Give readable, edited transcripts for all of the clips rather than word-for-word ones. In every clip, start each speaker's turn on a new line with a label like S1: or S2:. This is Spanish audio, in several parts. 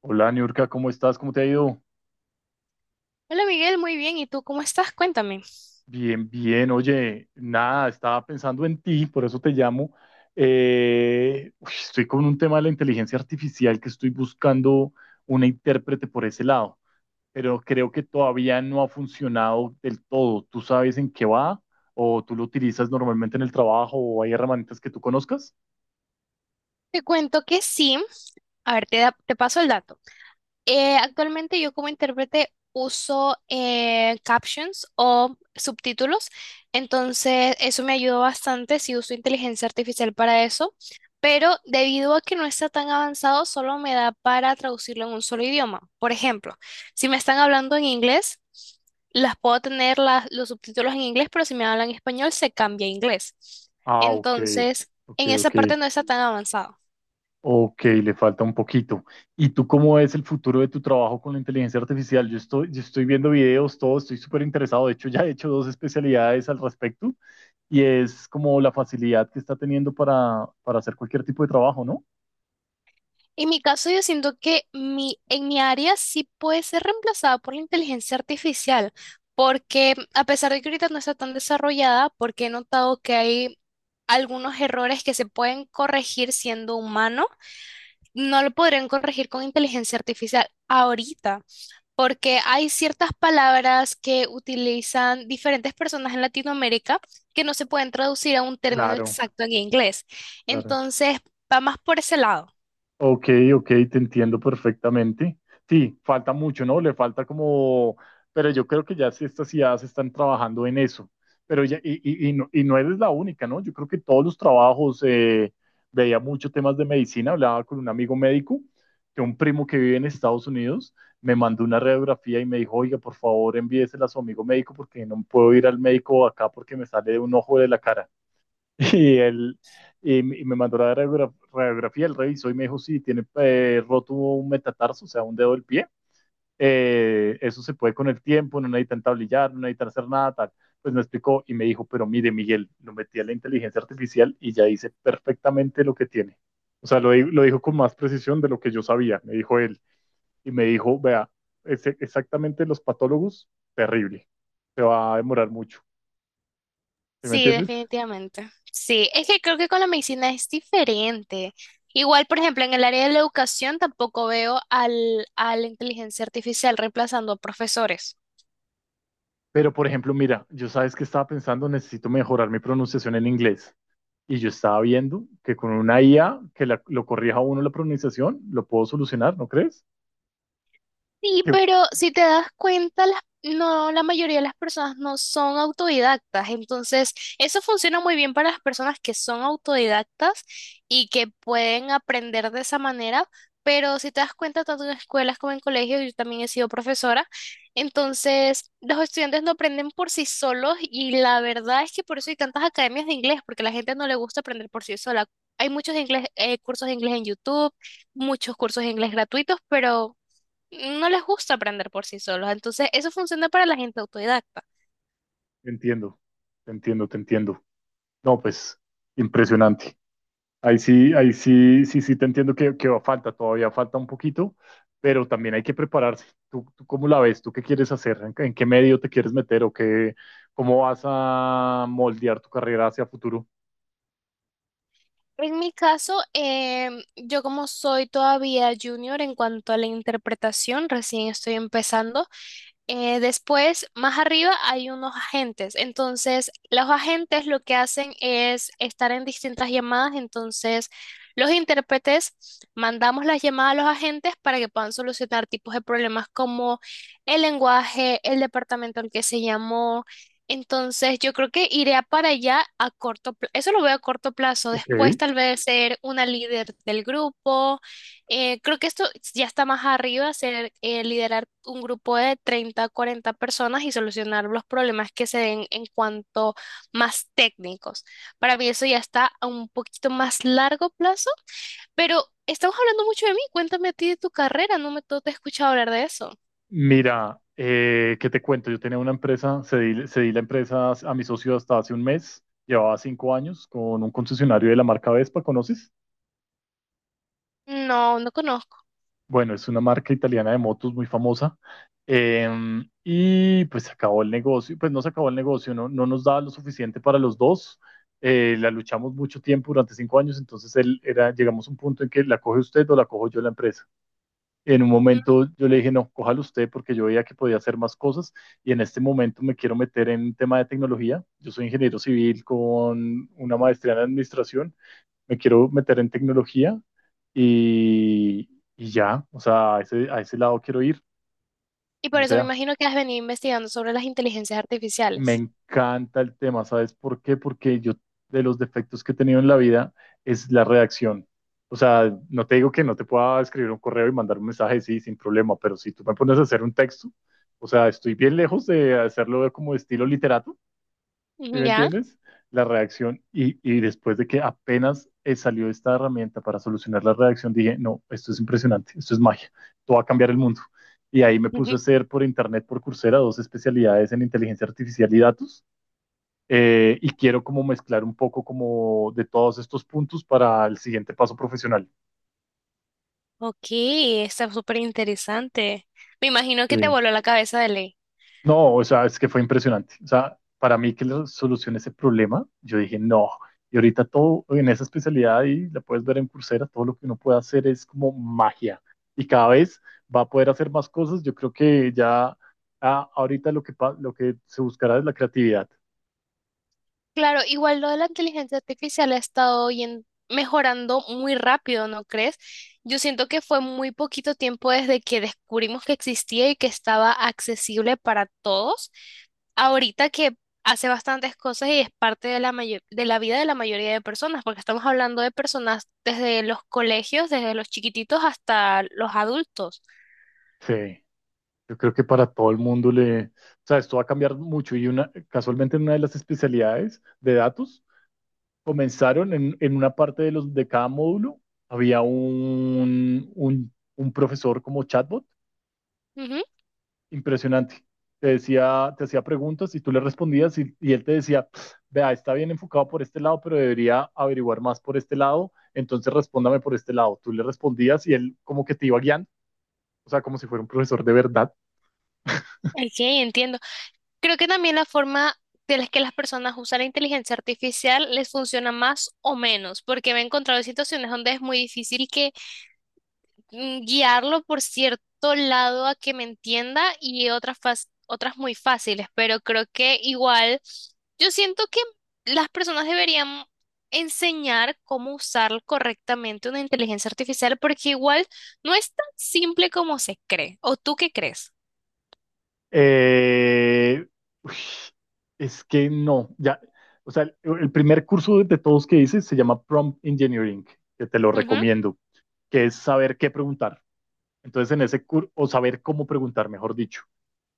S1: Hola, Niurka, ¿cómo estás? ¿Cómo te ha ido?
S2: Hola Miguel, muy bien. ¿Y tú cómo estás? Cuéntame.
S1: Bien, bien. Oye, nada, estaba pensando en ti, por eso te llamo. Estoy con un tema de la inteligencia artificial que estoy buscando una intérprete por ese lado, pero creo que todavía no ha funcionado del todo. ¿Tú sabes en qué va? ¿O tú lo utilizas normalmente en el trabajo? ¿O hay herramientas que tú conozcas?
S2: Te cuento que sí. A ver, te paso el dato. Actualmente yo como intérprete uso captions o subtítulos, entonces eso me ayudó bastante si uso inteligencia artificial para eso, pero debido a que no está tan avanzado, solo me da para traducirlo en un solo idioma. Por ejemplo, si me están hablando en inglés, las puedo tener los subtítulos en inglés, pero si me hablan en español, se cambia a inglés.
S1: Ah, ok,
S2: Entonces,
S1: ok,
S2: en esa
S1: ok.
S2: parte no está tan avanzado.
S1: Ok, le falta un poquito. ¿Y tú cómo ves el futuro de tu trabajo con la inteligencia artificial? Yo estoy viendo videos, todo, estoy súper interesado. De hecho, ya he hecho dos especialidades al respecto y es como la facilidad que está teniendo para hacer cualquier tipo de trabajo, ¿no?
S2: En mi caso, yo siento que en mi área sí puede ser reemplazada por la inteligencia artificial, porque a pesar de que ahorita no está tan desarrollada, porque he notado que hay algunos errores que se pueden corregir siendo humano, no lo podrían corregir con inteligencia artificial ahorita, porque hay ciertas palabras que utilizan diferentes personas en Latinoamérica que no se pueden traducir a un término
S1: Claro,
S2: exacto en inglés.
S1: claro.
S2: Entonces, va más por ese lado.
S1: Ok, ok, te entiendo perfectamente. Sí, falta mucho, ¿no? Le falta como, pero yo creo que ya sí estas ideas están trabajando en eso. Pero ya, y no eres la única, ¿no? Yo creo que todos los trabajos, veía muchos temas de medicina, hablaba con un amigo médico, que un primo que vive en Estados Unidos me mandó una radiografía y me dijo, oiga, por favor, envíesela a su amigo médico porque no puedo ir al médico acá porque me sale de un ojo de la cara. Y él y me mandó la radiografía, él revisó y me dijo, sí, tiene roto un metatarso, o sea, un dedo del pie. Eso se puede con el tiempo, no necesitan tablillar, no necesitan hacer nada, tal. Pues me explicó y me dijo, pero mire, Miguel, lo metí a la inteligencia artificial y ya dice perfectamente lo que tiene. O sea, lo dijo con más precisión de lo que yo sabía, me dijo él. Y me dijo, vea, exactamente los patólogos, terrible. Se va a demorar mucho. ¿Sí me
S2: Sí,
S1: entiendes?
S2: definitivamente. Sí, es que creo que con la medicina es diferente. Igual, por ejemplo, en el área de la educación tampoco veo a la inteligencia artificial reemplazando a profesores.
S1: Pero, por ejemplo, mira, yo sabes que estaba pensando, necesito mejorar mi pronunciación en inglés. Y yo estaba viendo que con una IA que lo corrija a uno la pronunciación, lo puedo solucionar, ¿no crees?
S2: Sí,
S1: Que-
S2: pero si te das cuenta, no, la mayoría de las personas no son autodidactas. Entonces, eso funciona muy bien para las personas que son autodidactas y que pueden aprender de esa manera. Pero si te das cuenta, tanto en escuelas como en colegios, yo también he sido profesora. Entonces, los estudiantes no aprenden por sí solos y la verdad es que por eso hay tantas academias de inglés, porque a la gente no le gusta aprender por sí sola. Hay muchos cursos de inglés en YouTube, muchos cursos de inglés gratuitos, pero no les gusta aprender por sí solos. Entonces, eso funciona para la gente autodidacta.
S1: Te entiendo, te entiendo, te entiendo. No, pues, impresionante. Ahí sí, sí, sí, te entiendo que falta, todavía falta un poquito, pero también hay que prepararse. ¿Tú cómo la ves? ¿Tú qué quieres hacer? ¿En qué medio te quieres meter? ¿O qué, cómo vas a moldear tu carrera hacia futuro?
S2: En mi caso, yo como soy todavía junior en cuanto a la interpretación, recién estoy empezando. Después, más arriba, hay unos agentes. Entonces, los agentes lo que hacen es estar en distintas llamadas. Entonces, los intérpretes mandamos las llamadas a los agentes para que puedan solucionar tipos de problemas como el lenguaje, el departamento al que se llamó. Entonces, yo creo que iré a para allá a corto plazo. Eso lo veo a corto plazo. Después,
S1: Ok.
S2: tal vez ser una líder del grupo. Creo que esto ya está más arriba, ser liderar un grupo de treinta a 40 personas y solucionar los problemas que se den en cuanto más técnicos. Para mí eso ya está a un poquito más largo plazo, pero estamos hablando mucho de mí. Cuéntame a ti de tu carrera. No te he escuchado hablar de eso.
S1: Mira, ¿qué te cuento? Yo tenía una empresa, cedí la empresa a mi socio hasta hace un mes, llevaba cinco años con un concesionario de la marca Vespa, ¿conoces?
S2: No, no conozco.
S1: Bueno, es una marca italiana de motos muy famosa. Y pues se acabó el negocio, pues no se acabó el negocio, no, no nos daba lo suficiente para los dos. La luchamos mucho tiempo durante cinco años, entonces él era, llegamos a un punto en que la coge usted o la cojo yo la empresa. En un momento yo le dije, no, cójalo usted porque yo veía que podía hacer más cosas y en este momento me quiero meter en tema de tecnología. Yo soy ingeniero civil con una maestría en administración, me quiero meter en tecnología y, y ya, o sea, a ese lado quiero ir,
S2: Y por
S1: como
S2: eso me
S1: sea.
S2: imagino que has venido investigando sobre las inteligencias
S1: Me
S2: artificiales.
S1: encanta el tema, ¿sabes por qué? Porque yo, de los defectos que he tenido en la vida es la redacción. O sea, no te digo que no te pueda escribir un correo y mandar un mensaje, sí, sin problema, pero si tú me pones a hacer un texto, o sea, estoy bien lejos de hacerlo como estilo literato, ¿sí me
S2: ¿Ya?
S1: entiendes? La redacción y, después de que apenas salió esta herramienta para solucionar la redacción, dije, no, esto es impresionante, esto es magia, esto va a cambiar el mundo. Y ahí me puse a hacer por internet, por Coursera, dos especialidades en inteligencia artificial y datos, y quiero como mezclar un poco como de todos estos puntos para el siguiente paso profesional.
S2: Ok, está súper interesante. Me imagino que te
S1: Sí.
S2: voló la cabeza de ley.
S1: No, o sea, es que fue impresionante. O sea, para mí que le solucione ese problema, yo dije, no. Y ahorita todo en esa especialidad y la puedes ver en Coursera, todo lo que uno puede hacer es como magia. Y cada vez va a poder hacer más cosas. Yo creo que ya, ahorita lo que se buscará es la creatividad.
S2: Claro, igual lo de la inteligencia artificial ha estado mejorando muy rápido, ¿no crees? Yo siento que fue muy poquito tiempo desde que descubrimos que existía y que estaba accesible para todos. Ahorita que hace bastantes cosas y es parte de la vida de la mayoría de personas, porque estamos hablando de personas desde los colegios, desde los chiquititos hasta los adultos.
S1: Sí. Yo creo que para todo el mundo le, o sea, esto va a cambiar mucho y una, casualmente en una de las especialidades de datos comenzaron en una parte de los de cada módulo había un profesor como chatbot
S2: Ujú.
S1: impresionante. Te decía, te hacía preguntas y tú le respondías y él te decía, vea, está bien enfocado por este lado, pero debería averiguar más por este lado, entonces respóndame por este lado. Tú le respondías y él como que te iba guiando, o sea, como si fuera un profesor de verdad.
S2: Ok, entiendo. Creo que también la forma de las que las personas usan la inteligencia artificial les funciona más o menos, porque me he encontrado en situaciones donde es muy difícil que guiarlo por cierto lado a que me entienda y otras, otras muy fáciles, pero creo que igual yo siento que las personas deberían enseñar cómo usar correctamente una inteligencia artificial, porque igual no es tan simple como se cree. ¿O tú qué crees?
S1: Eh, uy, es que no, ya, o sea, el primer curso de todos que hice se llama Prompt Engineering, que te lo recomiendo, que es saber qué preguntar. Entonces, en ese curso, o saber cómo preguntar, mejor dicho.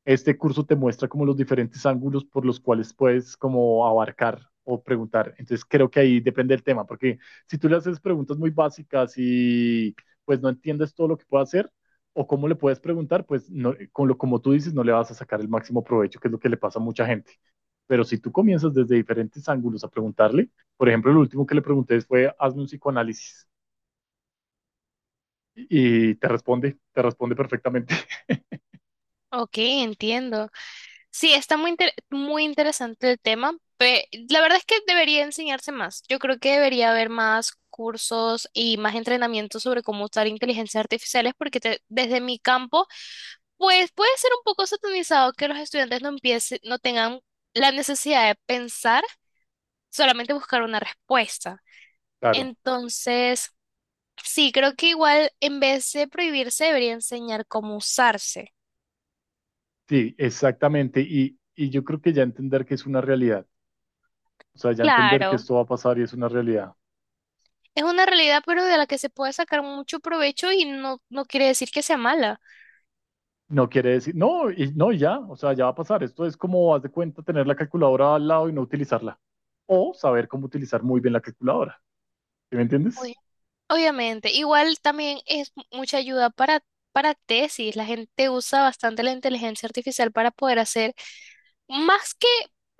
S1: Este curso te muestra como los diferentes ángulos por los cuales puedes como abarcar o preguntar. Entonces creo que ahí depende del tema, porque si tú le haces preguntas muy básicas y pues no entiendes todo lo que puede hacer o cómo le puedes preguntar, pues no, con lo como tú dices no le vas a sacar el máximo provecho, que es lo que le pasa a mucha gente. Pero si tú comienzas desde diferentes ángulos a preguntarle, por ejemplo, lo último que le pregunté fue, hazme un psicoanálisis y te responde perfectamente.
S2: Ok, entiendo. Sí, está muy interesante el tema. La verdad es que debería enseñarse más. Yo creo que debería haber más cursos y más entrenamiento sobre cómo usar inteligencias artificiales porque desde mi campo, pues puede ser un poco satanizado que los estudiantes no empiecen, no tengan la necesidad de pensar, solamente buscar una respuesta.
S1: Claro.
S2: Entonces, sí, creo que igual en vez de prohibirse, debería enseñar cómo usarse.
S1: Sí, exactamente. Y yo creo que ya entender que es una realidad, o sea, ya entender que
S2: Claro.
S1: esto va a pasar y es una realidad,
S2: Es una realidad, pero de la que se puede sacar mucho provecho y no, no quiere decir que sea mala.
S1: no quiere decir, no, y ya, o sea, ya va a pasar. Esto es como, haz de cuenta, tener la calculadora al lado y no utilizarla. O saber cómo utilizar muy bien la calculadora. ¿Sí me entiendes?
S2: Oye, obviamente, igual también es mucha ayuda para tesis. La gente usa bastante la inteligencia artificial para poder hacer, más que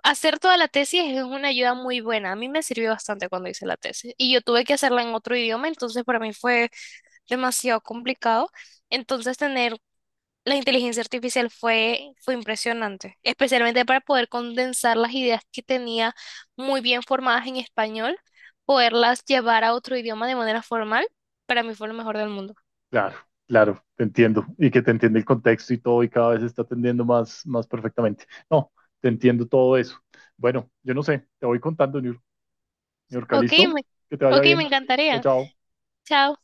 S2: hacer toda la tesis, es una ayuda muy buena. A mí me sirvió bastante cuando hice la tesis y yo tuve que hacerla en otro idioma, entonces para mí fue demasiado complicado. Entonces, tener la inteligencia artificial fue impresionante, especialmente para poder condensar las ideas que tenía muy bien formadas en español, poderlas llevar a otro idioma de manera formal, para mí fue lo mejor del mundo.
S1: Claro, claro, te entiendo. Y que te entiende el contexto y todo y cada vez está atendiendo más, más perfectamente. No, te entiendo todo eso. Bueno, yo no sé, te voy contando, New York,
S2: Ok,
S1: ¿listo?
S2: me,
S1: Que te vaya
S2: ok, me
S1: bien. Chao,
S2: encantaría.
S1: chao.
S2: Chao.